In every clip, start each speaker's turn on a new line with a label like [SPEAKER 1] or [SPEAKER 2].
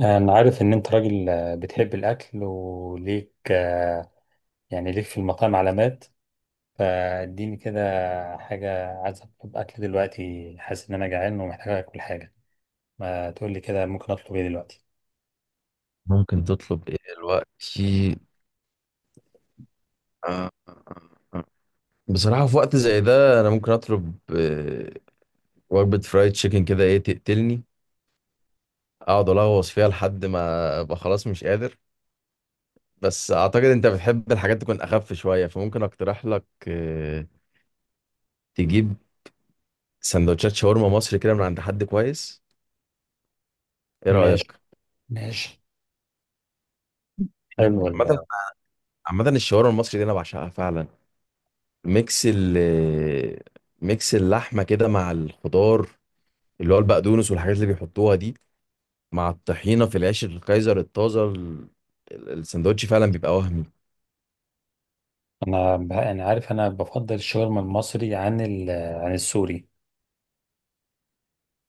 [SPEAKER 1] أنا عارف إن أنت راجل بتحب الأكل وليك يعني ليك في المطاعم علامات فاديني كده. حاجة عايز أطلب أكل دلوقتي، حاسس إن أنا جعان ومحتاج آكل حاجة. ما تقولي كده، ممكن أطلب إيه دلوقتي؟
[SPEAKER 2] ممكن تطلب ايه دلوقتي؟ آه، آه، آه. بصراحة في وقت زي ده انا ممكن اطلب وجبة فرايد تشيكن كده، ايه تقتلني، اقعد الغوص فيها لحد ما ابقى خلاص مش قادر. بس اعتقد انت بتحب الحاجات تكون اخف شوية، فممكن اقترح لك تجيب سندوتشات شاورما مصري كده من عند حد كويس. ايه
[SPEAKER 1] ماشي.
[SPEAKER 2] رأيك؟
[SPEAKER 1] ماشي. حلو.
[SPEAKER 2] عامة عامة الشاورما المصري دي انا بعشقها فعلا. ميكس ال آه، ميكس اللحمة كده مع الخضار، اللي هو البقدونس والحاجات اللي بيحطوها دي، مع الطحينة في العيش الكايزر الطازة، السندوتش فعلا بيبقى وهمي.
[SPEAKER 1] أنا بفضل الشاورما المصري عن السوري.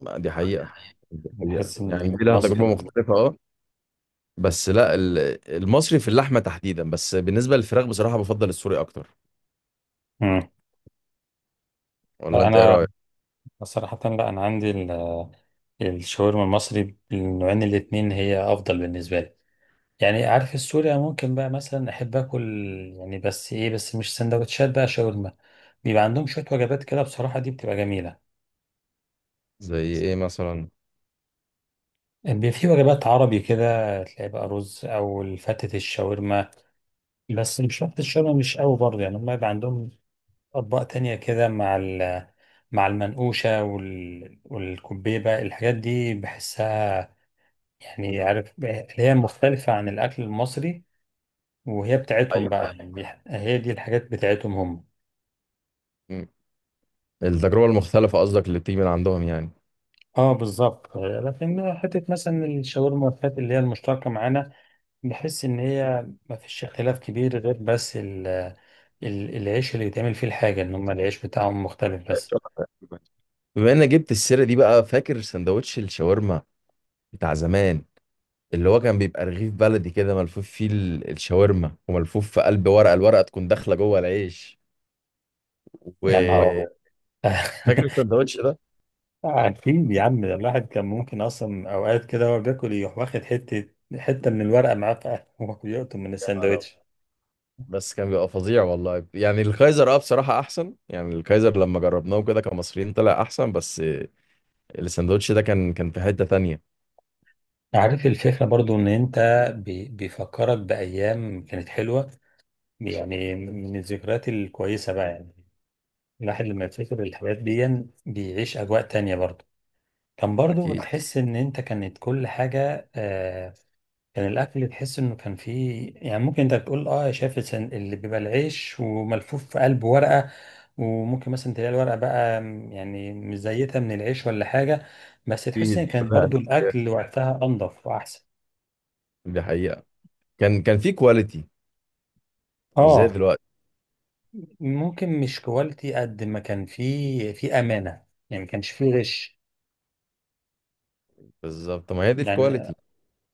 [SPEAKER 2] ما دي حقيقة، دي حقيقة
[SPEAKER 1] بحس إن
[SPEAKER 2] يعني، دي لها تجربة
[SPEAKER 1] المصري.
[SPEAKER 2] مختلفة اه. بس لا، المصري في اللحمة تحديدا، بس بالنسبة للفراخ بصراحة بفضل السوري أكتر.
[SPEAKER 1] مم.
[SPEAKER 2] ولا أنت إيه
[SPEAKER 1] فأنا
[SPEAKER 2] رأيك؟
[SPEAKER 1] صراحة لا، أنا عندي الشاورما المصري بالنوعين الاتنين هي أفضل بالنسبة لي. يعني عارف، السوريا ممكن بقى مثلا احب اكل، يعني بس ايه، بس مش سندوتشات بقى شاورما. بيبقى عندهم شويه وجبات كده بصراحه دي بتبقى جميله.
[SPEAKER 2] زي إيه مثلا؟
[SPEAKER 1] بيبقى في وجبات عربي كده، تلاقي بقى رز او فتة الشاورما، بس مش فتة الشاورما، مش قوي برضه. يعني هم يبقى عندهم اطباق تانية كده مع ال مع المنقوشه وال والكبيبه الحاجات دي بحسها يعني عارف اللي هي مختلفه عن الاكل المصري، وهي بتاعتهم
[SPEAKER 2] أيوة.
[SPEAKER 1] بقى. يعني هي دي الحاجات بتاعتهم هم.
[SPEAKER 2] م. التجربة المختلفة قصدك اللي بتيجي من عندهم يعني.
[SPEAKER 1] اه بالظبط. لكن حته مثلا الشاورما والفات، اللي هي المشتركه معانا، بحس ان هي ما فيش اختلاف كبير غير بس ال العيش اللي بيتعمل فيه الحاجه، ان هم العيش بتاعهم مختلف بس.
[SPEAKER 2] بما إنك جبت السيرة دي بقى، فاكر سندوتش الشاورما بتاع زمان؟ اللي هو كان بيبقى رغيف بلدي كده ملفوف فيه الشاورما، وملفوف في قلب ورقه، الورقه تكون داخله جوه العيش، و
[SPEAKER 1] يا نهار ابيض.
[SPEAKER 2] فاكر الساندوتش ده؟
[SPEAKER 1] عارفين يا عم، ده الواحد كان ممكن اصلا اوقات كده وهو بياكل يروح واخد حته من الورقه معاه في قلبه وهو بيقطم من
[SPEAKER 2] يا نهار أبيض.
[SPEAKER 1] الساندوتش.
[SPEAKER 2] بس كان بيبقى فظيع والله يعني، الكايزر اه بصراحه احسن يعني، الكايزر لما جربناه كده كمصريين طلع احسن. بس الساندوتش ده كان في حته تانية.
[SPEAKER 1] عارف الفكرة برضو، ان انت بيفكرك بأيام كانت حلوة، يعني من الذكريات الكويسة بقى يعني. الواحد لما يفتكر الحاجات دي بيعيش أجواء تانية برضه. كان برضه
[SPEAKER 2] اكيد.
[SPEAKER 1] تحس إن أنت كانت كل حاجة آه. كان الأكل تحس إنه كان فيه، يعني ممكن أنت بتقول، أه شايف اللي بيبقى العيش وملفوف في قلب ورقة، وممكن مثلا تلاقي الورقة بقى يعني مزيتها من العيش ولا حاجة، بس تحس إن
[SPEAKER 2] اكيد،
[SPEAKER 1] كانت برضه الأكل وقتها أنضف وأحسن.
[SPEAKER 2] دي حقيقه، كان في كواليتي، مش زي
[SPEAKER 1] أه.
[SPEAKER 2] دلوقتي.
[SPEAKER 1] ممكن مش كواليتي قد ما كان فيه في أمانة، يعني ما كانش فيه غش.
[SPEAKER 2] بالظبط، ما هي دي
[SPEAKER 1] يعني.
[SPEAKER 2] الكواليتي.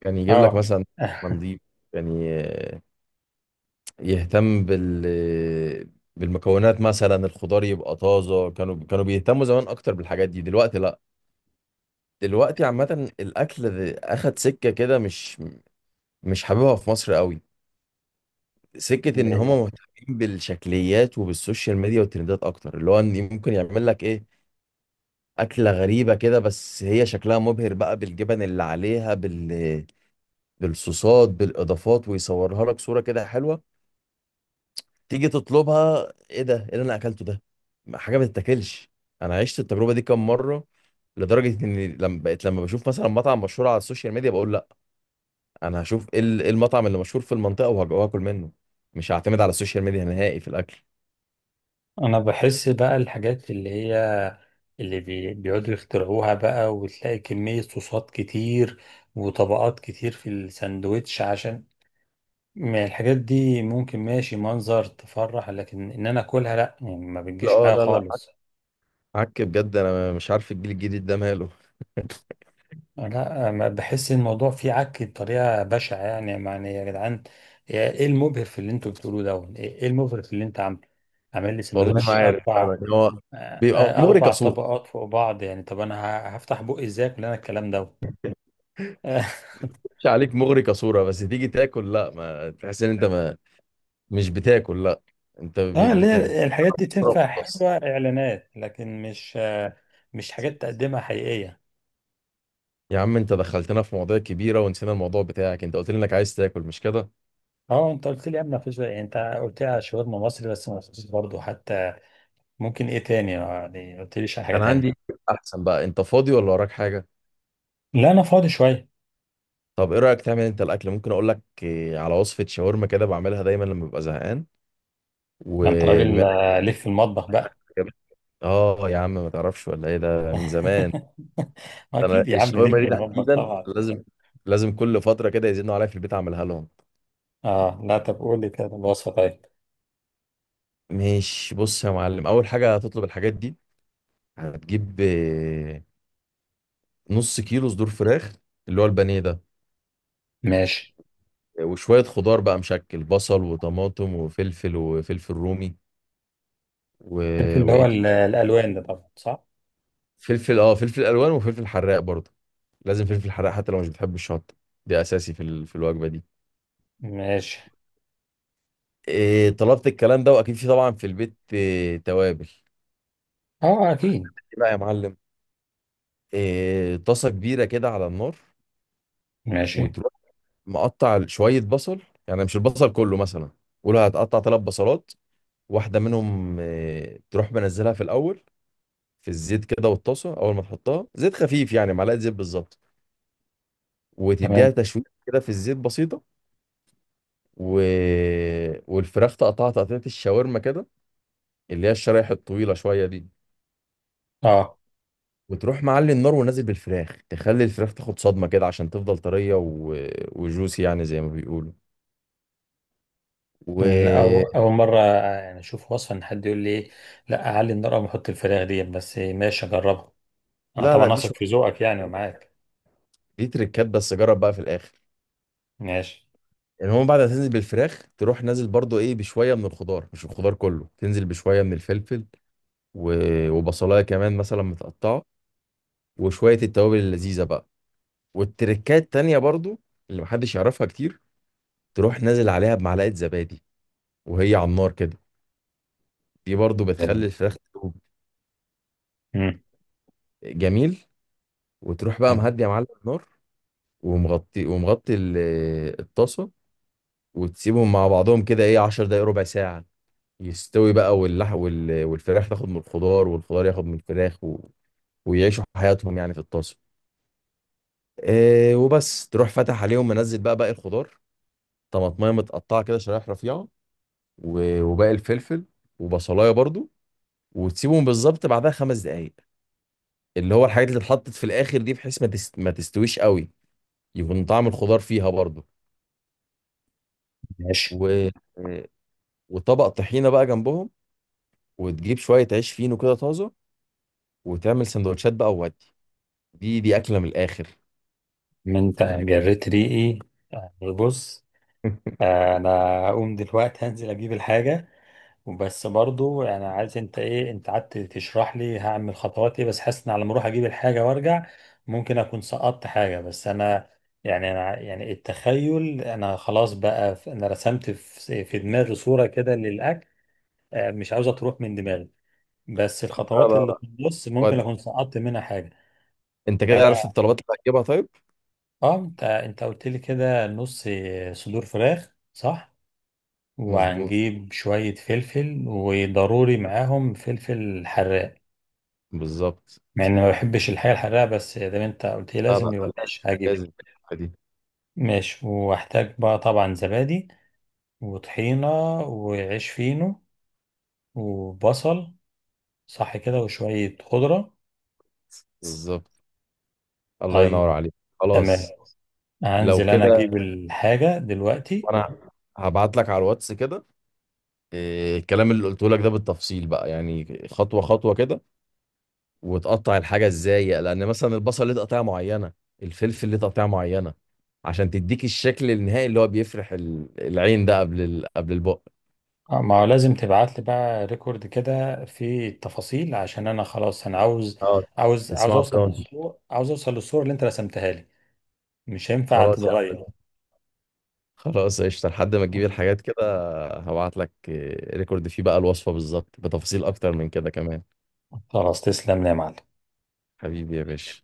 [SPEAKER 2] كان يجيب لك
[SPEAKER 1] أه.
[SPEAKER 2] مثلا نضيف يعني، يهتم بالمكونات، مثلا الخضار يبقى طازه. كانوا بيهتموا زمان اكتر بالحاجات دي، دلوقتي لا. دلوقتي عامه الاكل اخد سكه كده، مش حاببها في مصر قوي. سكه ان هما مهتمين بالشكليات وبالسوشيال ميديا والترندات اكتر، اللي هو ان ممكن يعمل لك ايه اكله غريبه كده، بس هي شكلها مبهر بقى بالجبن اللي عليها بالصوصات بالاضافات، ويصورها لك صوره كده حلوه. تيجي تطلبها، ايه ده، ايه اللي انا اكلته ده؟ حاجه ما تتاكلش. انا عشت التجربه دي كام مره، لدرجه اني لما بشوف مثلا مطعم مشهور على السوشيال ميديا بقول لا، انا هشوف إيه المطعم اللي مشهور في المنطقه وهاكل منه، مش هعتمد على السوشيال ميديا نهائي في الاكل.
[SPEAKER 1] انا بحس بقى الحاجات اللي هي اللي بيقعدوا يخترعوها بقى، وتلاقي كمية صوصات كتير وطبقات كتير في الساندوتش، عشان ما الحاجات دي ممكن ماشي منظر تفرح، لكن ان انا اكلها لا، يعني ما
[SPEAKER 2] لا،
[SPEAKER 1] بتجيش
[SPEAKER 2] اه،
[SPEAKER 1] معايا
[SPEAKER 2] لا، لا،
[SPEAKER 1] خالص.
[SPEAKER 2] عك بجد، انا مش عارف الجيل الجديد ده ماله.
[SPEAKER 1] لا، ما بحس الموضوع فيه عك بطريقة بشعة. يعني يعني يا جدعان، ايه المبهر في اللي انتوا بتقولوه ده؟ ايه المبهر في اللي انت عامله؟ عامل لي
[SPEAKER 2] والله ما
[SPEAKER 1] ساندوتش
[SPEAKER 2] عارف،
[SPEAKER 1] اربع،
[SPEAKER 2] انا هو بيبقى مغري
[SPEAKER 1] اربع
[SPEAKER 2] كصوره.
[SPEAKER 1] طبقات فوق بعض. يعني طب انا هفتح بقي ازاي؟ كل انا الكلام دوت. اه.
[SPEAKER 2] مش عليك، مغري كصوره بس تيجي تاكل لا، ما تحس ان انت ما مش بتاكل لا، انت
[SPEAKER 1] اللي هي الحاجات دي
[SPEAKER 2] بتتفرج
[SPEAKER 1] تنفع
[SPEAKER 2] بس.
[SPEAKER 1] حلوه اعلانات، لكن مش مش حاجات تقدمها حقيقيه.
[SPEAKER 2] يا عم انت دخلتنا في مواضيع كبيرة ونسينا الموضوع بتاعك، انت قلت لي انك عايز تاكل مش كده؟
[SPEAKER 1] اه انت قلت لي قبل مفيش، يعني انت قلت لي على شاورما مصري، بس ما قلتليش برضه حتى ممكن ايه تاني يعني ما قلتليش على حاجه
[SPEAKER 2] انا عندي،
[SPEAKER 1] تانية.
[SPEAKER 2] احسن بقى، انت فاضي ولا وراك حاجة؟
[SPEAKER 1] لا انا فاضي شويه.
[SPEAKER 2] طب ايه رأيك تعمل انت الاكل؟ ممكن اقول لك على وصفة شاورما كده بعملها دايما لما ببقى زهقان.
[SPEAKER 1] ما انت
[SPEAKER 2] وبما
[SPEAKER 1] راجل
[SPEAKER 2] انك
[SPEAKER 1] ليك في المطبخ بقى.
[SPEAKER 2] جابت، اه يا عم، ما تعرفش ولا ايه، ده من زمان. انا
[SPEAKER 1] اكيد يا عم، ليك
[SPEAKER 2] الشاورما
[SPEAKER 1] في
[SPEAKER 2] دي
[SPEAKER 1] المطبخ
[SPEAKER 2] تحديدا
[SPEAKER 1] طبعا.
[SPEAKER 2] لازم، لازم كل فترة كده يزنوا عليا في البيت اعملها لهم.
[SPEAKER 1] اه لا، طب قول لي كده الوصفه طيب.
[SPEAKER 2] ماشي، بص يا معلم، اول حاجة هتطلب الحاجات دي. هتجيب نص كيلو صدور فراخ اللي هو البانيه ده،
[SPEAKER 1] ماشي.
[SPEAKER 2] وشوية خضار بقى مشكل: بصل وطماطم وفلفل وفلفل رومي، و...
[SPEAKER 1] في اللي
[SPEAKER 2] وايه
[SPEAKER 1] هو
[SPEAKER 2] كده،
[SPEAKER 1] الالوان ده طبعا، صح.
[SPEAKER 2] فلفل، اه، فلفل الوان وفلفل حراق برضه. لازم فلفل حراق حتى لو مش بتحب الشطة، دي اساسي في الوجبة دي.
[SPEAKER 1] ماشي.
[SPEAKER 2] إيه، طلبت الكلام ده، واكيد في طبعا في البيت إيه، توابل.
[SPEAKER 1] اه اكيد.
[SPEAKER 2] ايه بقى يا معلم، إيه، طاسة كبيرة كده على النار،
[SPEAKER 1] ماشي.
[SPEAKER 2] وتروح مقطع شوية بصل، يعني مش البصل كله مثلا، قول هتقطع ثلاث بصلات، واحدة منهم إيه تروح منزلها في الأول في الزيت كده. والطاسه اول ما تحطها زيت خفيف يعني معلقه زيت بالظبط، وتديها
[SPEAKER 1] تمام.
[SPEAKER 2] تشويق كده في الزيت بسيطه. و... والفراخ تقطعها تقطيعه الشاورما كده، اللي هي الشرايح الطويله شويه دي.
[SPEAKER 1] اه
[SPEAKER 2] وتروح معلي النار ونازل بالفراخ، تخلي الفراخ تاخد صدمه كده عشان تفضل طريه وجوسي يعني زي ما بيقولوا. و
[SPEAKER 1] الأول، أول مرة يعني أشوف وصفة إن حد يقول لي لا أعلي النار أو أحط الفراخ دي، بس ماشي أجربها. أنا
[SPEAKER 2] لا لا،
[SPEAKER 1] طبعا
[SPEAKER 2] دي
[SPEAKER 1] أثق في
[SPEAKER 2] شويه
[SPEAKER 1] ذوقك يعني، ومعاك.
[SPEAKER 2] دي تريكات بس، جرب بقى في الاخر.
[SPEAKER 1] ماشي.
[SPEAKER 2] يعني هو بعد ما تنزل بالفراخ تروح نازل برضو ايه بشويه من الخضار، مش الخضار كله، تنزل بشويه من الفلفل و... وبصلايه كمان مثلا متقطعه، وشوية التوابل اللذيذة بقى. والتركات تانية برضو اللي محدش يعرفها كتير، تروح نازل عليها بمعلقة زبادي وهي على النار كده، دي برضو بتخلي
[SPEAKER 1] تمام.
[SPEAKER 2] الفراخ تدوب.
[SPEAKER 1] مم.
[SPEAKER 2] جميل. وتروح بقى
[SPEAKER 1] تمام.
[SPEAKER 2] مهدي يا معلم النار، ومغطي الطاسة، وتسيبهم مع بعضهم كده ايه 10 دقايق، ربع ساعة، يستوي بقى والفراخ تاخد من الخضار والخضار ياخد من الفراخ، ويعيشوا حياتهم يعني في الطاسة. إيه، وبس تروح فاتح عليهم منزل بقى باقي الخضار، طماطمية متقطعة كده شرايح رفيعة، وباقي الفلفل وبصلايه برضو، وتسيبهم بالظبط بعدها 5 دقايق، اللي هو الحاجات اللي اتحطت في الاخر دي بحيث ما تستويش قوي، يكون طعم الخضار فيها برضو.
[SPEAKER 1] ماشي.
[SPEAKER 2] و... وطبق طحينه بقى جنبهم، وتجيب شويه عيش فينو كده طازه، وتعمل سندوتشات بقى وودي. دي اكله من الاخر.
[SPEAKER 1] ما أنت جريت ريقي. يعني بص، أنا هقوم دلوقتي هنزل أجيب الحاجة. وبس برضو، يعني عايز انت ايه، انت قعدت تشرح لي هعمل خطوات ايه، بس حاسس ان على ما اروح اجيب الحاجه وارجع ممكن اكون سقطت حاجه. بس انا يعني انا يعني التخيل، انا خلاص بقى انا رسمت في دماغي صوره كده للاكل، مش عاوزه تروح من دماغي، بس
[SPEAKER 2] لا
[SPEAKER 1] الخطوات
[SPEAKER 2] لا
[SPEAKER 1] اللي
[SPEAKER 2] لا،
[SPEAKER 1] في النص ممكن
[SPEAKER 2] ودي،
[SPEAKER 1] اكون سقطت منها حاجه.
[SPEAKER 2] انت
[SPEAKER 1] فانا
[SPEAKER 2] كده عرفت الطلبات اللي هتجيبها، طيب.
[SPEAKER 1] اه، انت قلت لي كده نص صدور فراخ، صح؟
[SPEAKER 2] مظبوط،
[SPEAKER 1] وهنجيب شويه فلفل، وضروري معاهم فلفل حراق.
[SPEAKER 2] بالظبط.
[SPEAKER 1] مع اني ما بحبش الحاجه الحراقه، بس زي ما انت قلت لي
[SPEAKER 2] لا لا،
[SPEAKER 1] لازم يبقى ماشي هجيب.
[SPEAKER 2] لازم، لازم، دي
[SPEAKER 1] ماشي. واحتاج بقى طبعا زبادي، وطحينه، وعيش فينو، وبصل. صح كده؟ وشويه خضره.
[SPEAKER 2] بالظبط. الله
[SPEAKER 1] طيب.
[SPEAKER 2] ينور عليك.
[SPEAKER 1] تمام.
[SPEAKER 2] خلاص. لو
[SPEAKER 1] هنزل انا
[SPEAKER 2] كده،
[SPEAKER 1] اجيب الحاجه دلوقتي.
[SPEAKER 2] وانا هبعت لك على الواتس كده الكلام اللي قلته لك ده بالتفصيل بقى، يعني خطوه خطوه كده، وتقطع الحاجه ازاي، لان مثلا البصل ليه تقطيعه معينه، الفلفل ليه تقطيعه معينه، عشان تديك الشكل النهائي اللي هو بيفرح العين ده قبل البق.
[SPEAKER 1] ما هو لازم تبعت لي بقى ريكورد كده في التفاصيل، عشان انا خلاص انا عاوز،
[SPEAKER 2] اه.
[SPEAKER 1] عاوز عاوز
[SPEAKER 2] اسمها
[SPEAKER 1] اوصل
[SPEAKER 2] براوني.
[SPEAKER 1] للصور عاوز اوصل للصور اللي انت رسمتها لي، مش هينفع
[SPEAKER 2] خلاص يا
[SPEAKER 1] تتغير.
[SPEAKER 2] عم، خلاص قشطه لحد ما تجيب الحاجات كده، هبعت لك ريكورد فيه بقى الوصفه بالظبط، بتفاصيل اكتر من كده كمان.
[SPEAKER 1] خلاص، تسلم لي يا معلم.
[SPEAKER 2] حبيبي يا باشا.